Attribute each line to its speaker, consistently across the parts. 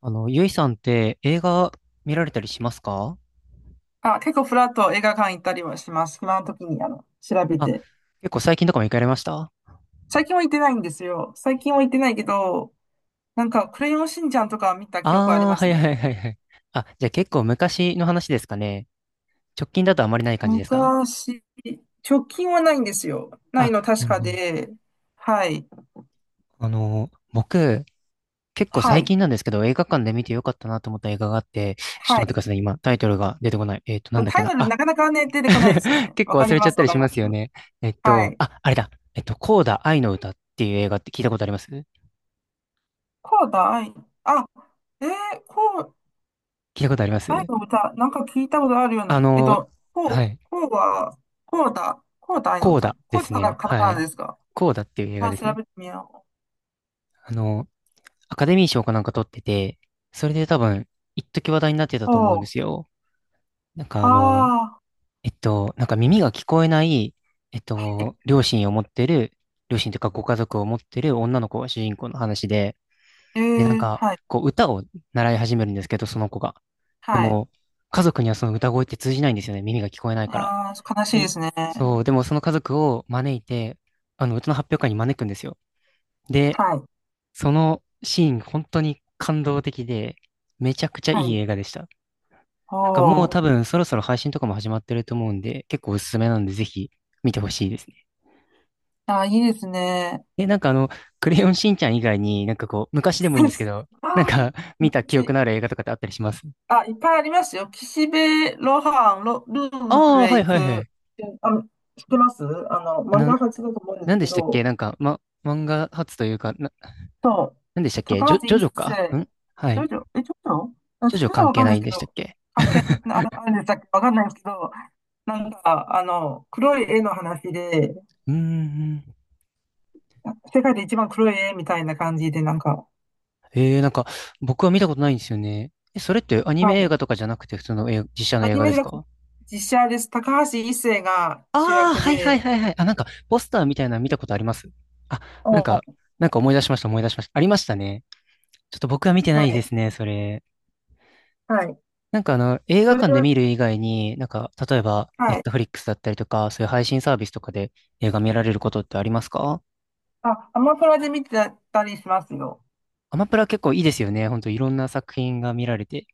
Speaker 1: ゆいさんって映画見られたりしますか？
Speaker 2: あ、結構フラッと映画館行ったりはします。暇の時に、調べ
Speaker 1: あ、
Speaker 2: て。
Speaker 1: 結構最近とかも行かれました？
Speaker 2: 最近は行ってないんですよ。最近は行ってないけど、なんか、クレヨンしんちゃんとかは見た記憶はあり
Speaker 1: ああー、
Speaker 2: ま
Speaker 1: は
Speaker 2: す
Speaker 1: い
Speaker 2: ね。
Speaker 1: はいはいはい。あ、じゃあ結構昔の話ですかね。直近だとあまりない感じですか？
Speaker 2: 昔、直近はないんですよ。ないの
Speaker 1: あ、
Speaker 2: 確
Speaker 1: なる
Speaker 2: か
Speaker 1: ほど。
Speaker 2: で、はい、
Speaker 1: 僕、結構
Speaker 2: は
Speaker 1: 最
Speaker 2: い、
Speaker 1: 近なんですけど、映画館で見てよかったなと思った映画があって、ちょっ
Speaker 2: は
Speaker 1: と待ってくだ
Speaker 2: い。
Speaker 1: さいね。今、タイトルが出てこない。なんだっけ
Speaker 2: タイ
Speaker 1: な。
Speaker 2: トル
Speaker 1: あ、
Speaker 2: なかなかね、出てこないんですよ ね。
Speaker 1: 結
Speaker 2: わ
Speaker 1: 構
Speaker 2: か
Speaker 1: 忘
Speaker 2: り
Speaker 1: れちゃ
Speaker 2: ま
Speaker 1: っ
Speaker 2: す、
Speaker 1: た
Speaker 2: わ
Speaker 1: り
Speaker 2: か
Speaker 1: し
Speaker 2: りま
Speaker 1: ますよ
Speaker 2: す。
Speaker 1: ね。
Speaker 2: はい。
Speaker 1: あれだ。コーダ愛の歌っていう映画って聞いたことあります？聞
Speaker 2: こうだい。あ、えー、こう、
Speaker 1: いたことあります？
Speaker 2: タイの歌、なんか聞いたことあるよう
Speaker 1: あ
Speaker 2: な、えっ
Speaker 1: の、
Speaker 2: と、
Speaker 1: は
Speaker 2: こ
Speaker 1: い。
Speaker 2: う、こうは、こうだ、愛の
Speaker 1: コー
Speaker 2: 歌。
Speaker 1: ダで
Speaker 2: こうだ
Speaker 1: す
Speaker 2: から
Speaker 1: ね。
Speaker 2: カタ
Speaker 1: は
Speaker 2: カナ
Speaker 1: い。
Speaker 2: ですか？
Speaker 1: コーダっていう映画
Speaker 2: ま
Speaker 1: で
Speaker 2: あ、
Speaker 1: す
Speaker 2: 調
Speaker 1: ね。
Speaker 2: べてみよ
Speaker 1: あの、アカデミー賞かなんか取ってて、それで多分、一時話題になってた
Speaker 2: う。
Speaker 1: と思うん
Speaker 2: お
Speaker 1: で
Speaker 2: う、
Speaker 1: すよ。なんかあの、
Speaker 2: ああ、
Speaker 1: なんか耳が聞こえない、両親を持ってる、両親というかご家族を持ってる女の子が主人公の話で、
Speaker 2: ええ、
Speaker 1: で、なん
Speaker 2: ー
Speaker 1: か、
Speaker 2: はい、
Speaker 1: こう、歌を習い始めるんですけど、その子が。で
Speaker 2: はい。
Speaker 1: も、家族にはその歌声って通じないんですよね。耳が聞こえないから。
Speaker 2: ああ、悲し
Speaker 1: で
Speaker 2: いで
Speaker 1: も、
Speaker 2: すね。
Speaker 1: そう、でもその家族を招いて、歌の発表会に招くんですよ。で、
Speaker 2: はい、
Speaker 1: そのシーン、本当に感動的で、めちゃくちゃ
Speaker 2: は
Speaker 1: いい
Speaker 2: い。
Speaker 1: 映画でした。なんかもう
Speaker 2: おう、
Speaker 1: 多分そろそろ配信とかも始まってると思うんで、結構おすすめなんでぜひ見てほしいですね。
Speaker 2: ああ、いいですね。
Speaker 1: え、なんかあの、クレヨンしんちゃん以外になんかこう、昔でもいいんですけど、
Speaker 2: あ
Speaker 1: なんか 見
Speaker 2: ー、
Speaker 1: た記憶
Speaker 2: 私、
Speaker 1: のある映画とかってあったりします？
Speaker 2: あ、いっぱいありますよ。岸辺露伴、ルーブル
Speaker 1: ああー、
Speaker 2: へ
Speaker 1: はい
Speaker 2: 行
Speaker 1: は
Speaker 2: く。
Speaker 1: いはい。
Speaker 2: あ、知ってます。
Speaker 1: あ
Speaker 2: 漫
Speaker 1: の、
Speaker 2: 画発だと思うんで
Speaker 1: なん
Speaker 2: す
Speaker 1: で
Speaker 2: け
Speaker 1: したっけ、
Speaker 2: ど、
Speaker 1: なんか、ま、漫画発というか、な、
Speaker 2: そう。
Speaker 1: なんでしたっけ、ジ
Speaker 2: 高
Speaker 1: ョ、
Speaker 2: 橋
Speaker 1: ジョ
Speaker 2: 一
Speaker 1: ジョか
Speaker 2: 生、
Speaker 1: ん？はい。
Speaker 2: 長女、え、長女あ、
Speaker 1: ジョ
Speaker 2: 長
Speaker 1: ジョ
Speaker 2: 女は
Speaker 1: 関
Speaker 2: わ
Speaker 1: 係
Speaker 2: かん
Speaker 1: な
Speaker 2: ない
Speaker 1: い
Speaker 2: で
Speaker 1: ん
Speaker 2: す
Speaker 1: で
Speaker 2: け
Speaker 1: し
Speaker 2: ど、
Speaker 1: たっけ？
Speaker 2: 関係 なあるんでしたっけ、わかんないですけど、なんか、黒い絵の話で、
Speaker 1: うーん。
Speaker 2: 世界で一番黒い絵みたいな感じで、なんか、
Speaker 1: ええ、なんか、僕は見たことないんですよね。え、それってアニ
Speaker 2: は
Speaker 1: メ映
Speaker 2: い。
Speaker 1: 画とかじゃなくて普通の映画、実写の
Speaker 2: ア
Speaker 1: 映
Speaker 2: ニ
Speaker 1: 画
Speaker 2: メ
Speaker 1: で
Speaker 2: じゃ
Speaker 1: す
Speaker 2: なくて、
Speaker 1: か？
Speaker 2: 実写です。高橋一生が主
Speaker 1: ああー、
Speaker 2: 役
Speaker 1: はいはい
Speaker 2: で、
Speaker 1: はいはい。あ、なんか、ポスターみたいなの見たことあります？あ、なん
Speaker 2: お
Speaker 1: か、
Speaker 2: ー、
Speaker 1: なんか思い出しました思い出しましたありましたね。ちょっと僕は見てな
Speaker 2: は
Speaker 1: いで
Speaker 2: い。
Speaker 1: すね、それ。
Speaker 2: はい。
Speaker 1: 映
Speaker 2: そ
Speaker 1: 画
Speaker 2: れ
Speaker 1: 館で
Speaker 2: は、
Speaker 1: 見る以外に、なんか、例えば、ネ
Speaker 2: は
Speaker 1: ッ
Speaker 2: い。
Speaker 1: トフリックスだったりとか、そういう配信サービスとかで映画見られることってありますか？
Speaker 2: あ、アマプラで見てたりしますよ。
Speaker 1: アマプラ結構いいですよね。ほんといろんな作品が見られて。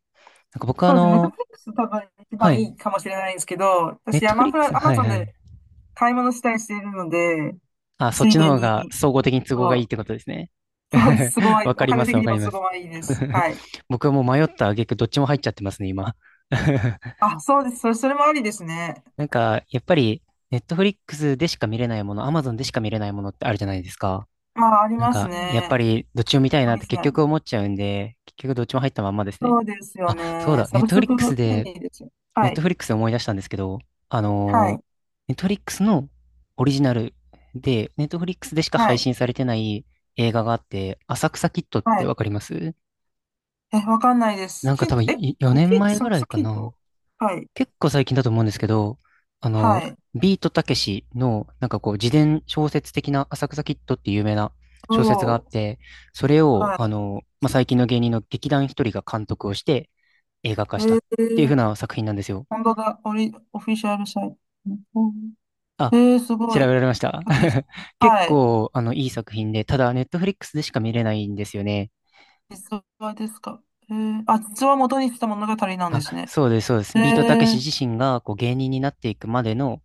Speaker 1: なんか僕はあ
Speaker 2: そうですね。ネット
Speaker 1: の、
Speaker 2: フリックス多分一
Speaker 1: は
Speaker 2: 番い
Speaker 1: い。
Speaker 2: いかもしれないんですけど、
Speaker 1: ネッ
Speaker 2: 私、
Speaker 1: トフリックス、
Speaker 2: アマ
Speaker 1: はい
Speaker 2: ゾン
Speaker 1: は
Speaker 2: で
Speaker 1: い。
Speaker 2: 買い物したりしているので、
Speaker 1: あ、そっ
Speaker 2: つい
Speaker 1: ちの
Speaker 2: で
Speaker 1: 方
Speaker 2: に、
Speaker 1: が総合的に都合がいいっ
Speaker 2: そ
Speaker 1: て
Speaker 2: う、
Speaker 1: ことですね。
Speaker 2: そうです。す ごい。
Speaker 1: わか
Speaker 2: お
Speaker 1: りま
Speaker 2: 金
Speaker 1: す、
Speaker 2: 的
Speaker 1: わ
Speaker 2: に
Speaker 1: か
Speaker 2: も
Speaker 1: り
Speaker 2: す
Speaker 1: ます。
Speaker 2: ごいいいです。はい。
Speaker 1: 僕はもう迷った挙句どっちも入っちゃってますね、今。
Speaker 2: あ、そうです。それもありですね。
Speaker 1: なんか、やっぱり、ネットフリックスでしか見れないもの、アマゾンでしか見れないものってあるじゃないですか。
Speaker 2: まあ、あり
Speaker 1: なん
Speaker 2: ます
Speaker 1: か、やっ
Speaker 2: ね。
Speaker 1: ぱり、どっちも見たい
Speaker 2: オ
Speaker 1: なっ
Speaker 2: リ
Speaker 1: て
Speaker 2: ジ
Speaker 1: 結
Speaker 2: ナル。
Speaker 1: 局思っちゃうんで、結局どっちも入ったまんまですね。
Speaker 2: そうですよ
Speaker 1: あ、そう
Speaker 2: ね。
Speaker 1: だ、
Speaker 2: サ
Speaker 1: ネッ
Speaker 2: ブ
Speaker 1: トフ
Speaker 2: ス
Speaker 1: リッ
Speaker 2: ク
Speaker 1: クス
Speaker 2: 便
Speaker 1: で
Speaker 2: 利ですよ。
Speaker 1: ネ
Speaker 2: は
Speaker 1: ッ
Speaker 2: い。
Speaker 1: トフリックスで思い出したんですけど、あ
Speaker 2: は
Speaker 1: の
Speaker 2: い。
Speaker 1: ネットフリックスのオリジナルで、ネットフリックスでしか
Speaker 2: は
Speaker 1: 配
Speaker 2: い。
Speaker 1: 信されてない映画があって、浅草キッドっ
Speaker 2: は
Speaker 1: て
Speaker 2: い。
Speaker 1: わかります？
Speaker 2: え、わかんないです。
Speaker 1: なんか
Speaker 2: キッ、
Speaker 1: 多分
Speaker 2: え、
Speaker 1: 4
Speaker 2: キ
Speaker 1: 年
Speaker 2: ッ、
Speaker 1: 前
Speaker 2: サ
Speaker 1: ぐ
Speaker 2: ク
Speaker 1: らい
Speaker 2: サ
Speaker 1: か
Speaker 2: キッ
Speaker 1: な。
Speaker 2: ト、はい。
Speaker 1: 結構最近だと思うんですけど、あの、
Speaker 2: はい。
Speaker 1: ビートたけしの、なんかこう、自伝小説的な浅草キッドっていう有名な小説があ
Speaker 2: お
Speaker 1: っ
Speaker 2: ー。
Speaker 1: て、それを、
Speaker 2: は
Speaker 1: あの、まあ、最近の芸人の劇団ひとりが監督をして映画化
Speaker 2: い。え
Speaker 1: したっていう風
Speaker 2: ー、
Speaker 1: な作品なんですよ。
Speaker 2: 本当だ。オリ、オフィシャルサイト。うん、
Speaker 1: あ、
Speaker 2: えー、すご
Speaker 1: 調べ
Speaker 2: い。
Speaker 1: られました。
Speaker 2: オッケーです。
Speaker 1: 結
Speaker 2: はい。
Speaker 1: 構、あの、いい作品で、ただ、ネットフリックスでしか見れないんですよね。
Speaker 2: 実話ですか？えー、あ、実話を元にした物語なんで
Speaker 1: あ、
Speaker 2: すね。
Speaker 1: そうです、そうです。ビートたけ
Speaker 2: え
Speaker 1: し
Speaker 2: ー、
Speaker 1: 自身が、こう、芸人になっていくまでの、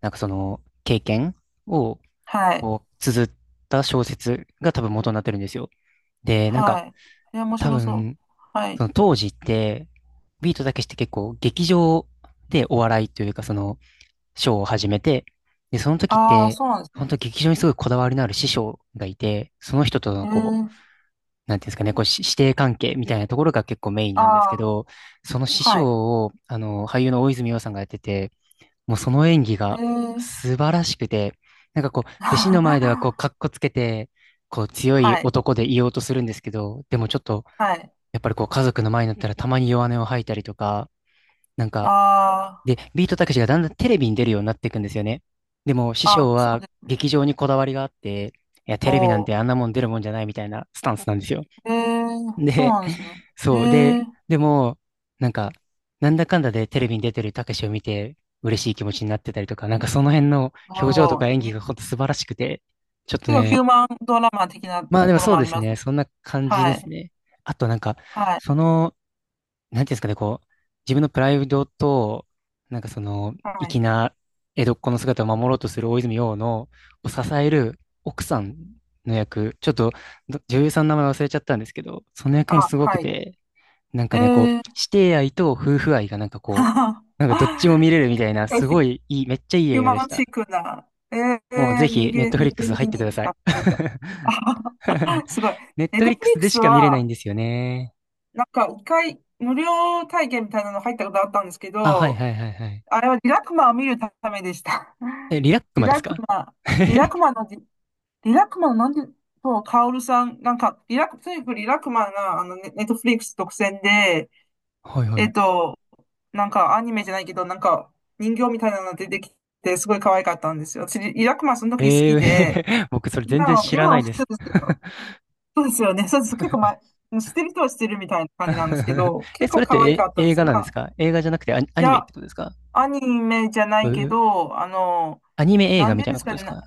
Speaker 1: なんかその、経験を、
Speaker 2: はい。
Speaker 1: こう、綴った小説が多分元になってるんですよ。で、なん
Speaker 2: は
Speaker 1: か、
Speaker 2: い。えー、面
Speaker 1: 多
Speaker 2: 白そう。
Speaker 1: 分、
Speaker 2: は
Speaker 1: そ
Speaker 2: い。
Speaker 1: の当時って、ビートたけしって結構、劇場でお笑いというか、その、ショーを始めて、で、その時っ
Speaker 2: ああ、
Speaker 1: て、
Speaker 2: そうなんです
Speaker 1: 本
Speaker 2: ね。
Speaker 1: 当劇場にすごいこだわりのある師匠がいて、その人と
Speaker 2: え
Speaker 1: のこう、
Speaker 2: ー、
Speaker 1: なんていうんですかね、こう、し師弟関係みたいなところが結構メイン
Speaker 2: あ
Speaker 1: なんですけ
Speaker 2: あ、
Speaker 1: ど、その師
Speaker 2: はい。
Speaker 1: 匠を、あの、俳優の大泉洋さんがやってて、もうその演技
Speaker 2: え
Speaker 1: が
Speaker 2: ー、
Speaker 1: 素晴らしくて、なんかこう、弟子の前ではこう、かっ こつけて、こう、強い
Speaker 2: はい。
Speaker 1: 男でいようとするんですけど、でもちょっと、
Speaker 2: はい。
Speaker 1: やっぱりこう、家族の前になったらたまに弱音を吐いたりとか、なんか、
Speaker 2: あ
Speaker 1: で、ビートたけしがだんだんテレビに出るようになっていくんですよね。でも、師
Speaker 2: あ、
Speaker 1: 匠
Speaker 2: あ、そう
Speaker 1: は
Speaker 2: ですね。
Speaker 1: 劇場にこだわりがあって、いや、テ
Speaker 2: お
Speaker 1: レビなんて
Speaker 2: ー。
Speaker 1: あんなもん出るもんじゃないみたいなスタンスなんですよ。
Speaker 2: えー、そう
Speaker 1: で、
Speaker 2: なんですね。
Speaker 1: そう。
Speaker 2: え
Speaker 1: で、
Speaker 2: ー、
Speaker 1: でも、なんか、なんだかんだでテレビに出てるたけしを見て、嬉しい気持ちになってたりとか、なんかその辺の
Speaker 2: お
Speaker 1: 表情と
Speaker 2: お
Speaker 1: か演技
Speaker 2: に、
Speaker 1: がほんと素晴らしくて、ちょっ
Speaker 2: 結
Speaker 1: と
Speaker 2: 構ヒュー
Speaker 1: ね、
Speaker 2: マンドラマ的なと
Speaker 1: まあでも
Speaker 2: ころ
Speaker 1: そう
Speaker 2: もあ
Speaker 1: で
Speaker 2: り
Speaker 1: す
Speaker 2: ます。
Speaker 1: ね、そんな感じで
Speaker 2: は
Speaker 1: す
Speaker 2: い。
Speaker 1: ね。あとなんか、
Speaker 2: は
Speaker 1: そ
Speaker 2: い。
Speaker 1: の、なんていうんですかね、こう、自分のプライドと、なんかその、
Speaker 2: は
Speaker 1: 粋
Speaker 2: い。
Speaker 1: な江戸っ子の姿を守ろうとする大泉洋の、を支える奥さんの役、ちょっとど女優さんの名前忘れちゃったんですけど、その役も
Speaker 2: あ、
Speaker 1: すごく
Speaker 2: はい。
Speaker 1: て、なん
Speaker 2: え
Speaker 1: かね、こう、
Speaker 2: ー、
Speaker 1: 師弟愛と夫婦愛がなんかこう、なんかどっちも見れるみたいな、
Speaker 2: え、
Speaker 1: す
Speaker 2: ヒ
Speaker 1: ごいいい、めっちゃいい
Speaker 2: ュー
Speaker 1: 映画で
Speaker 2: マ
Speaker 1: し
Speaker 2: ンチ
Speaker 1: た。
Speaker 2: ックな。えー、
Speaker 1: もうぜ
Speaker 2: 人
Speaker 1: ひ、ネッ
Speaker 2: 間、
Speaker 1: トフ
Speaker 2: 人
Speaker 1: リックス
Speaker 2: 間
Speaker 1: 入
Speaker 2: に
Speaker 1: って
Speaker 2: に
Speaker 1: ください。
Speaker 2: 溢れた。あ はは、すごい。
Speaker 1: ネッ
Speaker 2: ネッ
Speaker 1: トフ
Speaker 2: ト
Speaker 1: リッ
Speaker 2: フ
Speaker 1: ク
Speaker 2: リッ
Speaker 1: ス
Speaker 2: ク
Speaker 1: で
Speaker 2: ス
Speaker 1: しか見れないん
Speaker 2: は、
Speaker 1: ですよね。
Speaker 2: なんか一回無料体験みたいなの入ったことあったんですけ
Speaker 1: あ、はい
Speaker 2: ど、
Speaker 1: はいはいはい。
Speaker 2: あれはリラクマを見るためでした。
Speaker 1: え、リラック
Speaker 2: リ
Speaker 1: マで
Speaker 2: ラ
Speaker 1: す
Speaker 2: ク
Speaker 1: か？
Speaker 2: マ、リラクマのデリラクマのなんで、そう、カオルさん、なんか、リラク、とにかくリラクマが、ネットフリックス独占で、
Speaker 1: はいは
Speaker 2: えっ
Speaker 1: い。
Speaker 2: と、なんかアニメじゃないけど、なんか人形みたいなの出てきて、すごい可愛かったんですよ。私、リラクマその時好
Speaker 1: え
Speaker 2: きで、
Speaker 1: ー、僕それ全然知
Speaker 2: 今
Speaker 1: らな
Speaker 2: は
Speaker 1: い
Speaker 2: 普
Speaker 1: で
Speaker 2: 通
Speaker 1: す。
Speaker 2: ですけど、そうですよね。そうです。結構前、知ってる人は知ってるみたいな感じなんですけ ど、
Speaker 1: え、
Speaker 2: 結
Speaker 1: そ
Speaker 2: 構
Speaker 1: れっ
Speaker 2: 可愛
Speaker 1: て
Speaker 2: かった
Speaker 1: え
Speaker 2: んで
Speaker 1: 映
Speaker 2: す。
Speaker 1: 画
Speaker 2: ま
Speaker 1: なんです
Speaker 2: あ、
Speaker 1: か？映画じゃなくてアニ、ア
Speaker 2: い
Speaker 1: ニメっ
Speaker 2: や、
Speaker 1: てことですか？
Speaker 2: アニメじゃな
Speaker 1: う
Speaker 2: いけ
Speaker 1: う、
Speaker 2: ど、
Speaker 1: アニメ映
Speaker 2: な
Speaker 1: 画
Speaker 2: ん
Speaker 1: み
Speaker 2: てうん
Speaker 1: たい
Speaker 2: で
Speaker 1: な
Speaker 2: す
Speaker 1: こ
Speaker 2: か
Speaker 1: とです
Speaker 2: ね、な
Speaker 1: か？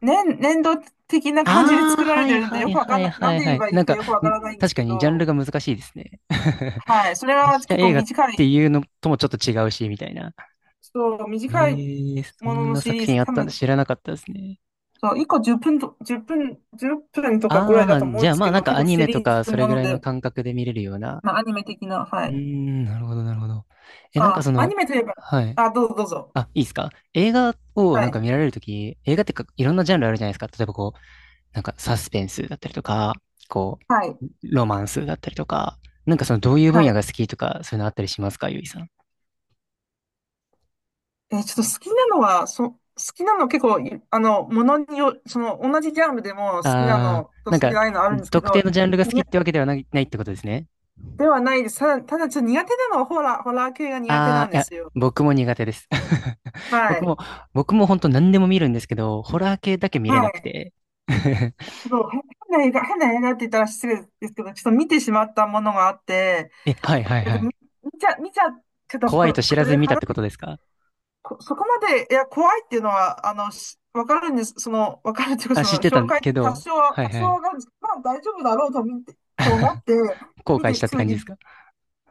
Speaker 2: 年、年度的な感じで
Speaker 1: あ
Speaker 2: 作
Speaker 1: あ、
Speaker 2: られ
Speaker 1: は
Speaker 2: て
Speaker 1: い
Speaker 2: るので、
Speaker 1: は
Speaker 2: よ
Speaker 1: い
Speaker 2: くわか
Speaker 1: は
Speaker 2: ん
Speaker 1: い
Speaker 2: ない、な
Speaker 1: は
Speaker 2: ん
Speaker 1: い
Speaker 2: て言
Speaker 1: は
Speaker 2: え
Speaker 1: い。
Speaker 2: ばい
Speaker 1: な
Speaker 2: い
Speaker 1: ん
Speaker 2: か
Speaker 1: か、
Speaker 2: よくわからない
Speaker 1: ん、
Speaker 2: んです
Speaker 1: 確か
Speaker 2: け
Speaker 1: にジャンル
Speaker 2: ど、
Speaker 1: が難しいですね。
Speaker 2: はい、それは
Speaker 1: 実写
Speaker 2: 結構
Speaker 1: 映画っ
Speaker 2: 短い、
Speaker 1: ていうのともちょっと違うし、みたいな。
Speaker 2: そう、短い
Speaker 1: え、えー、そ
Speaker 2: もの
Speaker 1: ん
Speaker 2: の
Speaker 1: な
Speaker 2: シ
Speaker 1: 作
Speaker 2: リー
Speaker 1: 品
Speaker 2: ズ、
Speaker 1: あっ
Speaker 2: 多
Speaker 1: たんだ、
Speaker 2: 分
Speaker 1: 知らなかったですね。
Speaker 2: そう、1個10分と、1分、1分とかぐ
Speaker 1: あ
Speaker 2: らいだ
Speaker 1: あ、
Speaker 2: と思
Speaker 1: じ
Speaker 2: うん
Speaker 1: ゃ
Speaker 2: で
Speaker 1: あ
Speaker 2: す
Speaker 1: まあ
Speaker 2: け
Speaker 1: なん
Speaker 2: ど、
Speaker 1: か
Speaker 2: 結
Speaker 1: ア
Speaker 2: 構
Speaker 1: ニ
Speaker 2: シ
Speaker 1: メと
Speaker 2: リー
Speaker 1: か
Speaker 2: ズ
Speaker 1: それ
Speaker 2: も
Speaker 1: ぐ
Speaker 2: の
Speaker 1: らいの
Speaker 2: で、
Speaker 1: 感覚で見れるような。
Speaker 2: まあ、アニメ的な、は
Speaker 1: うー
Speaker 2: い。
Speaker 1: ん、なるほどなるほど。え、なんか
Speaker 2: あ、
Speaker 1: そ
Speaker 2: ア
Speaker 1: の、
Speaker 2: ニメといえば、
Speaker 1: はい。
Speaker 2: あ、どうぞどうぞ。
Speaker 1: あ、いいですか？映画を
Speaker 2: は
Speaker 1: なんか
Speaker 2: い。
Speaker 1: 見られるとき、映画ってかいろんなジャンルあるじゃないですか。例えばこう、なんかサスペンスだったりとか、こ
Speaker 2: はい。
Speaker 1: う、ロマンスだったりとか、なんかそのどういう分
Speaker 2: は
Speaker 1: 野
Speaker 2: い。
Speaker 1: が好きとか、そういうのあったりしますか、ゆいさん。
Speaker 2: えーちょっと好きなのは、好きなの結構い、ものによ、その、同じジャンルでも好きな
Speaker 1: あー、
Speaker 2: のと
Speaker 1: な
Speaker 2: 好
Speaker 1: ん
Speaker 2: きじ
Speaker 1: か、
Speaker 2: ゃないのあるんですけ
Speaker 1: 特定
Speaker 2: ど、
Speaker 1: のジャンルが好き
Speaker 2: に、
Speaker 1: ってわけではない、ないってことですね。
Speaker 2: ではないです。ただちょっと苦手なのはホラー、ホラー系が苦手な
Speaker 1: あ
Speaker 2: ん
Speaker 1: ー、い
Speaker 2: で
Speaker 1: や、
Speaker 2: すよ。
Speaker 1: 僕も苦手です。
Speaker 2: は
Speaker 1: 僕
Speaker 2: い。
Speaker 1: も、僕も本当何でも見るんですけど、ホラー系だけ見れ
Speaker 2: は
Speaker 1: なく
Speaker 2: い。
Speaker 1: て。
Speaker 2: ちょっと変な映画、変な映画って言ったら失礼ですけど、ちょっと見てしまったものがあって、
Speaker 1: え、はいはい
Speaker 2: や
Speaker 1: は
Speaker 2: で
Speaker 1: い。
Speaker 2: も見ちゃって
Speaker 1: 怖
Speaker 2: こ
Speaker 1: い
Speaker 2: れ、
Speaker 1: と知
Speaker 2: こ
Speaker 1: らず
Speaker 2: れ
Speaker 1: に見たっ
Speaker 2: 話、
Speaker 1: てことですか？
Speaker 2: こそこまで、いや、怖いっていうのは、しわかるんです。その、わかるっていうか、
Speaker 1: あ、
Speaker 2: その、
Speaker 1: 知ってた
Speaker 2: 紹介、
Speaker 1: けど、はい
Speaker 2: 多
Speaker 1: は
Speaker 2: 少は
Speaker 1: い。
Speaker 2: わかるんですけど、まあ、大丈夫だろうと見て、と思って、
Speaker 1: 後
Speaker 2: 見
Speaker 1: 悔し
Speaker 2: て、
Speaker 1: たっ
Speaker 2: ち
Speaker 1: て
Speaker 2: ょっと
Speaker 1: 感じで
Speaker 2: 言、
Speaker 1: すか？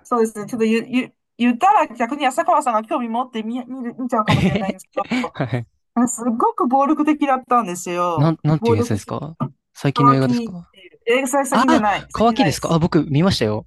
Speaker 2: そうですね、ちょっと言、言、言ったら逆に浅川さんが興味持って見ちゃう
Speaker 1: え
Speaker 2: かもしれないん
Speaker 1: へ
Speaker 2: ですけ
Speaker 1: へ
Speaker 2: ど、
Speaker 1: はい。
Speaker 2: なんかすごく暴力的だったんですよ。
Speaker 1: なんてい
Speaker 2: 暴
Speaker 1: うやつ
Speaker 2: 力
Speaker 1: です
Speaker 2: シ
Speaker 1: か？
Speaker 2: ーン。
Speaker 1: 最近の
Speaker 2: 乾
Speaker 1: 映画
Speaker 2: き
Speaker 1: です
Speaker 2: っ
Speaker 1: か？
Speaker 2: ていう。え、それ
Speaker 1: あ
Speaker 2: 先じゃ
Speaker 1: あ、
Speaker 2: ない。先
Speaker 1: 乾
Speaker 2: じゃ
Speaker 1: き
Speaker 2: な
Speaker 1: で
Speaker 2: いで
Speaker 1: すか、あ、
Speaker 2: す。
Speaker 1: 僕見ましたよ。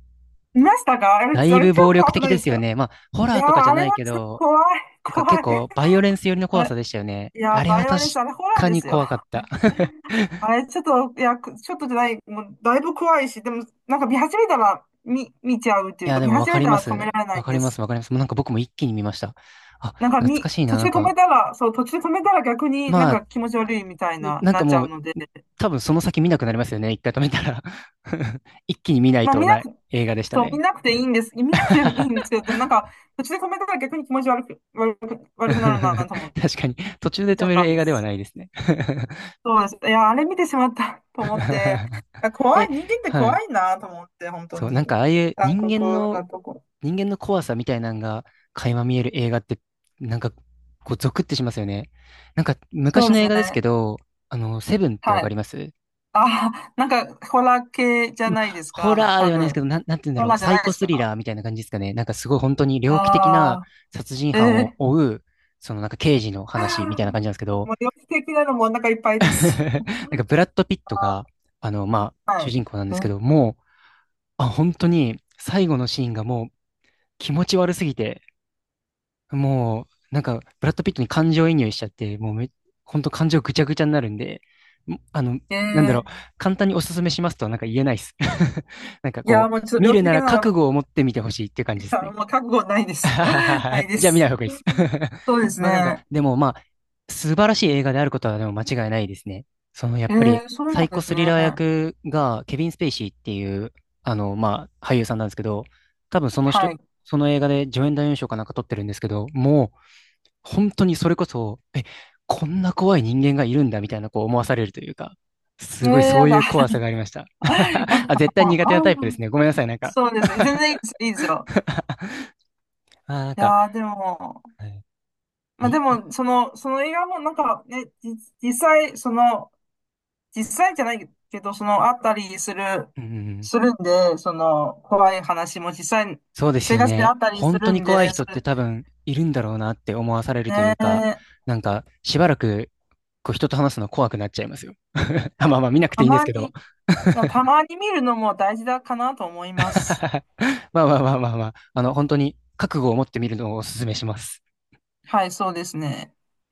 Speaker 2: 見ましたか？あれ、あれ
Speaker 1: だ
Speaker 2: 超
Speaker 1: いぶ暴力
Speaker 2: 怖く
Speaker 1: 的
Speaker 2: ない
Speaker 1: で
Speaker 2: です
Speaker 1: すよ
Speaker 2: か？
Speaker 1: ね。まあ、ホ
Speaker 2: い
Speaker 1: ラー
Speaker 2: やー、
Speaker 1: とかじゃ
Speaker 2: あ
Speaker 1: な
Speaker 2: れ
Speaker 1: い
Speaker 2: は
Speaker 1: け
Speaker 2: ちょっと
Speaker 1: ど、
Speaker 2: 怖い、
Speaker 1: なんか
Speaker 2: 怖
Speaker 1: 結
Speaker 2: い。
Speaker 1: 構バイオレンス寄りの
Speaker 2: あ
Speaker 1: 怖さ
Speaker 2: れ、
Speaker 1: でしたよね。
Speaker 2: いや
Speaker 1: あ
Speaker 2: ー、
Speaker 1: れ
Speaker 2: バ
Speaker 1: は
Speaker 2: イオ
Speaker 1: 確
Speaker 2: レンス、あれホラー
Speaker 1: か
Speaker 2: で
Speaker 1: に
Speaker 2: すよ。
Speaker 1: 怖かった。
Speaker 2: あれ、ちょっとじゃない、もう、だいぶ怖いし、でも、なんか見始めたら、見ちゃうって
Speaker 1: い
Speaker 2: いう
Speaker 1: や、
Speaker 2: か、
Speaker 1: で
Speaker 2: 見
Speaker 1: もわ
Speaker 2: 始
Speaker 1: か
Speaker 2: め
Speaker 1: り
Speaker 2: た
Speaker 1: ま
Speaker 2: ら止め
Speaker 1: す。
Speaker 2: られな
Speaker 1: わ
Speaker 2: いん
Speaker 1: かり
Speaker 2: で
Speaker 1: ます、
Speaker 2: す。
Speaker 1: わかります。もうなんか僕も一気に見ました。あ、
Speaker 2: なんか、
Speaker 1: 懐かしい
Speaker 2: 途
Speaker 1: な。
Speaker 2: 中
Speaker 1: なん
Speaker 2: で止
Speaker 1: か、
Speaker 2: めたら、途中で止めたら逆になん
Speaker 1: まあ、
Speaker 2: か気持ち悪いみたいな、
Speaker 1: なん
Speaker 2: な
Speaker 1: か
Speaker 2: っちゃ
Speaker 1: も
Speaker 2: う
Speaker 1: う
Speaker 2: ので、
Speaker 1: 多分その先見なくなりますよね。一回止めたら、 一気に見ない
Speaker 2: まあ、
Speaker 1: と
Speaker 2: 見な
Speaker 1: ない
Speaker 2: く、
Speaker 1: 映画でした
Speaker 2: そう、見
Speaker 1: ね。
Speaker 2: なくていいんです。見なくてい いんですけど、でもなんか、途中で止めたら逆に気持ち悪く、悪く、悪くなるなと思って、
Speaker 1: 確かに、途中で
Speaker 2: 見ち
Speaker 1: 止
Speaker 2: ゃっ
Speaker 1: め
Speaker 2: た
Speaker 1: る
Speaker 2: ん
Speaker 1: 映
Speaker 2: で
Speaker 1: 画では
Speaker 2: す。
Speaker 1: ないですね。
Speaker 2: そうなんです。いや、あれ見てしまった と思って、あ怖
Speaker 1: え、
Speaker 2: い、人間って
Speaker 1: は
Speaker 2: 怖
Speaker 1: い。
Speaker 2: いなと思って、本当
Speaker 1: そう、なんか
Speaker 2: に。
Speaker 1: ああいう
Speaker 2: 残
Speaker 1: 人
Speaker 2: 酷
Speaker 1: 間の、
Speaker 2: なとこ。
Speaker 1: 人間の怖さみたいなのが垣間見える映画って、なんかこうゾクってしますよね。なんか
Speaker 2: そう
Speaker 1: 昔
Speaker 2: で
Speaker 1: の
Speaker 2: す
Speaker 1: 映
Speaker 2: ね。
Speaker 1: 画ですけど、あの、セブンってわ
Speaker 2: は
Speaker 1: かり
Speaker 2: い。
Speaker 1: ます？
Speaker 2: あ、なんか、ホラー系じゃ
Speaker 1: ま
Speaker 2: ない
Speaker 1: あ
Speaker 2: です
Speaker 1: ホ
Speaker 2: か、
Speaker 1: ラー
Speaker 2: 多
Speaker 1: ではないですけ
Speaker 2: 分。
Speaker 1: ど、なんて言うんだ
Speaker 2: ホ
Speaker 1: ろ
Speaker 2: ラ
Speaker 1: う、
Speaker 2: ーじゃ
Speaker 1: サイ
Speaker 2: ないで
Speaker 1: コ
Speaker 2: す
Speaker 1: スリ
Speaker 2: か。
Speaker 1: ラーみたいな感じですかね。なんかすごい本当に猟奇的な
Speaker 2: あ
Speaker 1: 殺人
Speaker 2: あ、え
Speaker 1: 犯を
Speaker 2: え、
Speaker 1: 追う、そのなんか刑事の話みたいな感じ なんですけど、
Speaker 2: もう、猟奇的なのもお腹いっぱ い
Speaker 1: な
Speaker 2: です。
Speaker 1: んか ブラッド・ピット
Speaker 2: あ
Speaker 1: が、あの、まあ、
Speaker 2: ー、は
Speaker 1: 主
Speaker 2: い。
Speaker 1: 人公なんで
Speaker 2: う
Speaker 1: すけ
Speaker 2: ん、
Speaker 1: ど、もう、あ、本当に最後のシーンがもう気持ち悪すぎて、もう、なんか、ブラッド・ピットに感情移入しちゃって、もうめ、ほんと感情ぐちゃぐちゃになるんで、もあの、
Speaker 2: え
Speaker 1: なんだろう、
Speaker 2: え、
Speaker 1: 簡単におすすめしますとはなんか言えないです。なんか
Speaker 2: いや、
Speaker 1: こう、
Speaker 2: もうちょっと
Speaker 1: 見
Speaker 2: 猟
Speaker 1: る
Speaker 2: 奇
Speaker 1: な
Speaker 2: 的
Speaker 1: ら
Speaker 2: なのはなん
Speaker 1: 覚悟を持って見てほしいっていう感じで
Speaker 2: か
Speaker 1: す
Speaker 2: ら、
Speaker 1: ね。
Speaker 2: もう覚悟ないで す。ないで
Speaker 1: じゃあ見な
Speaker 2: す。
Speaker 1: い方がいいです。
Speaker 2: そうです
Speaker 1: まあなんか、
Speaker 2: ね。
Speaker 1: でもまあ、素晴らしい映画であることはでも間違いないですね。そのやっ
Speaker 2: え
Speaker 1: ぱり、
Speaker 2: え、そう
Speaker 1: サ
Speaker 2: な
Speaker 1: イ
Speaker 2: んで
Speaker 1: コ
Speaker 2: す
Speaker 1: スリ
Speaker 2: ね。
Speaker 1: ラー役がケビン・スペイシーっていう、あの、まあ、俳優さんなんですけど、多分その人、
Speaker 2: はい。
Speaker 1: その映画で助演男優賞かなんか取ってるんですけど、もう本当にそれこそ、え、こんな怖い人間がいるんだみたいなこう思わされるというか、
Speaker 2: え
Speaker 1: す
Speaker 2: ー、
Speaker 1: ごいそ
Speaker 2: や
Speaker 1: うい
Speaker 2: だ。
Speaker 1: う怖さがありました。
Speaker 2: やだ、
Speaker 1: あ、絶対苦手なタイプで
Speaker 2: も
Speaker 1: すね。ごめんなさい。なん
Speaker 2: う。
Speaker 1: か、
Speaker 2: そうです。全然いいです。いいですよ。
Speaker 1: あー、なん
Speaker 2: い
Speaker 1: か、
Speaker 2: やー、でも、
Speaker 1: はい
Speaker 2: まあで
Speaker 1: に、あ
Speaker 2: も、その、その映画もなんかね、じ実際、その、実際じゃないけど、その、あったりする、
Speaker 1: うん、
Speaker 2: するんで、その、怖い話も実際、
Speaker 1: そうです
Speaker 2: 生
Speaker 1: よ
Speaker 2: 活であ
Speaker 1: ね。
Speaker 2: ったりす
Speaker 1: 本当
Speaker 2: る
Speaker 1: に
Speaker 2: ん
Speaker 1: 怖い
Speaker 2: で、そ
Speaker 1: 人っ
Speaker 2: れ、
Speaker 1: て多分いるんだろうなって思わされるというか、
Speaker 2: ね
Speaker 1: なんか、しばらく、こう人と話すの怖くなっちゃいますよ。あまあまあ見
Speaker 2: ー、
Speaker 1: なくて
Speaker 2: た
Speaker 1: いいんです
Speaker 2: ま
Speaker 1: けど。
Speaker 2: に、たまに見るのも大事だかなと思います。
Speaker 1: まあまあまあまあまあ、あの、本当に覚悟を持ってみるのをお勧めします。
Speaker 2: はい、そうですね。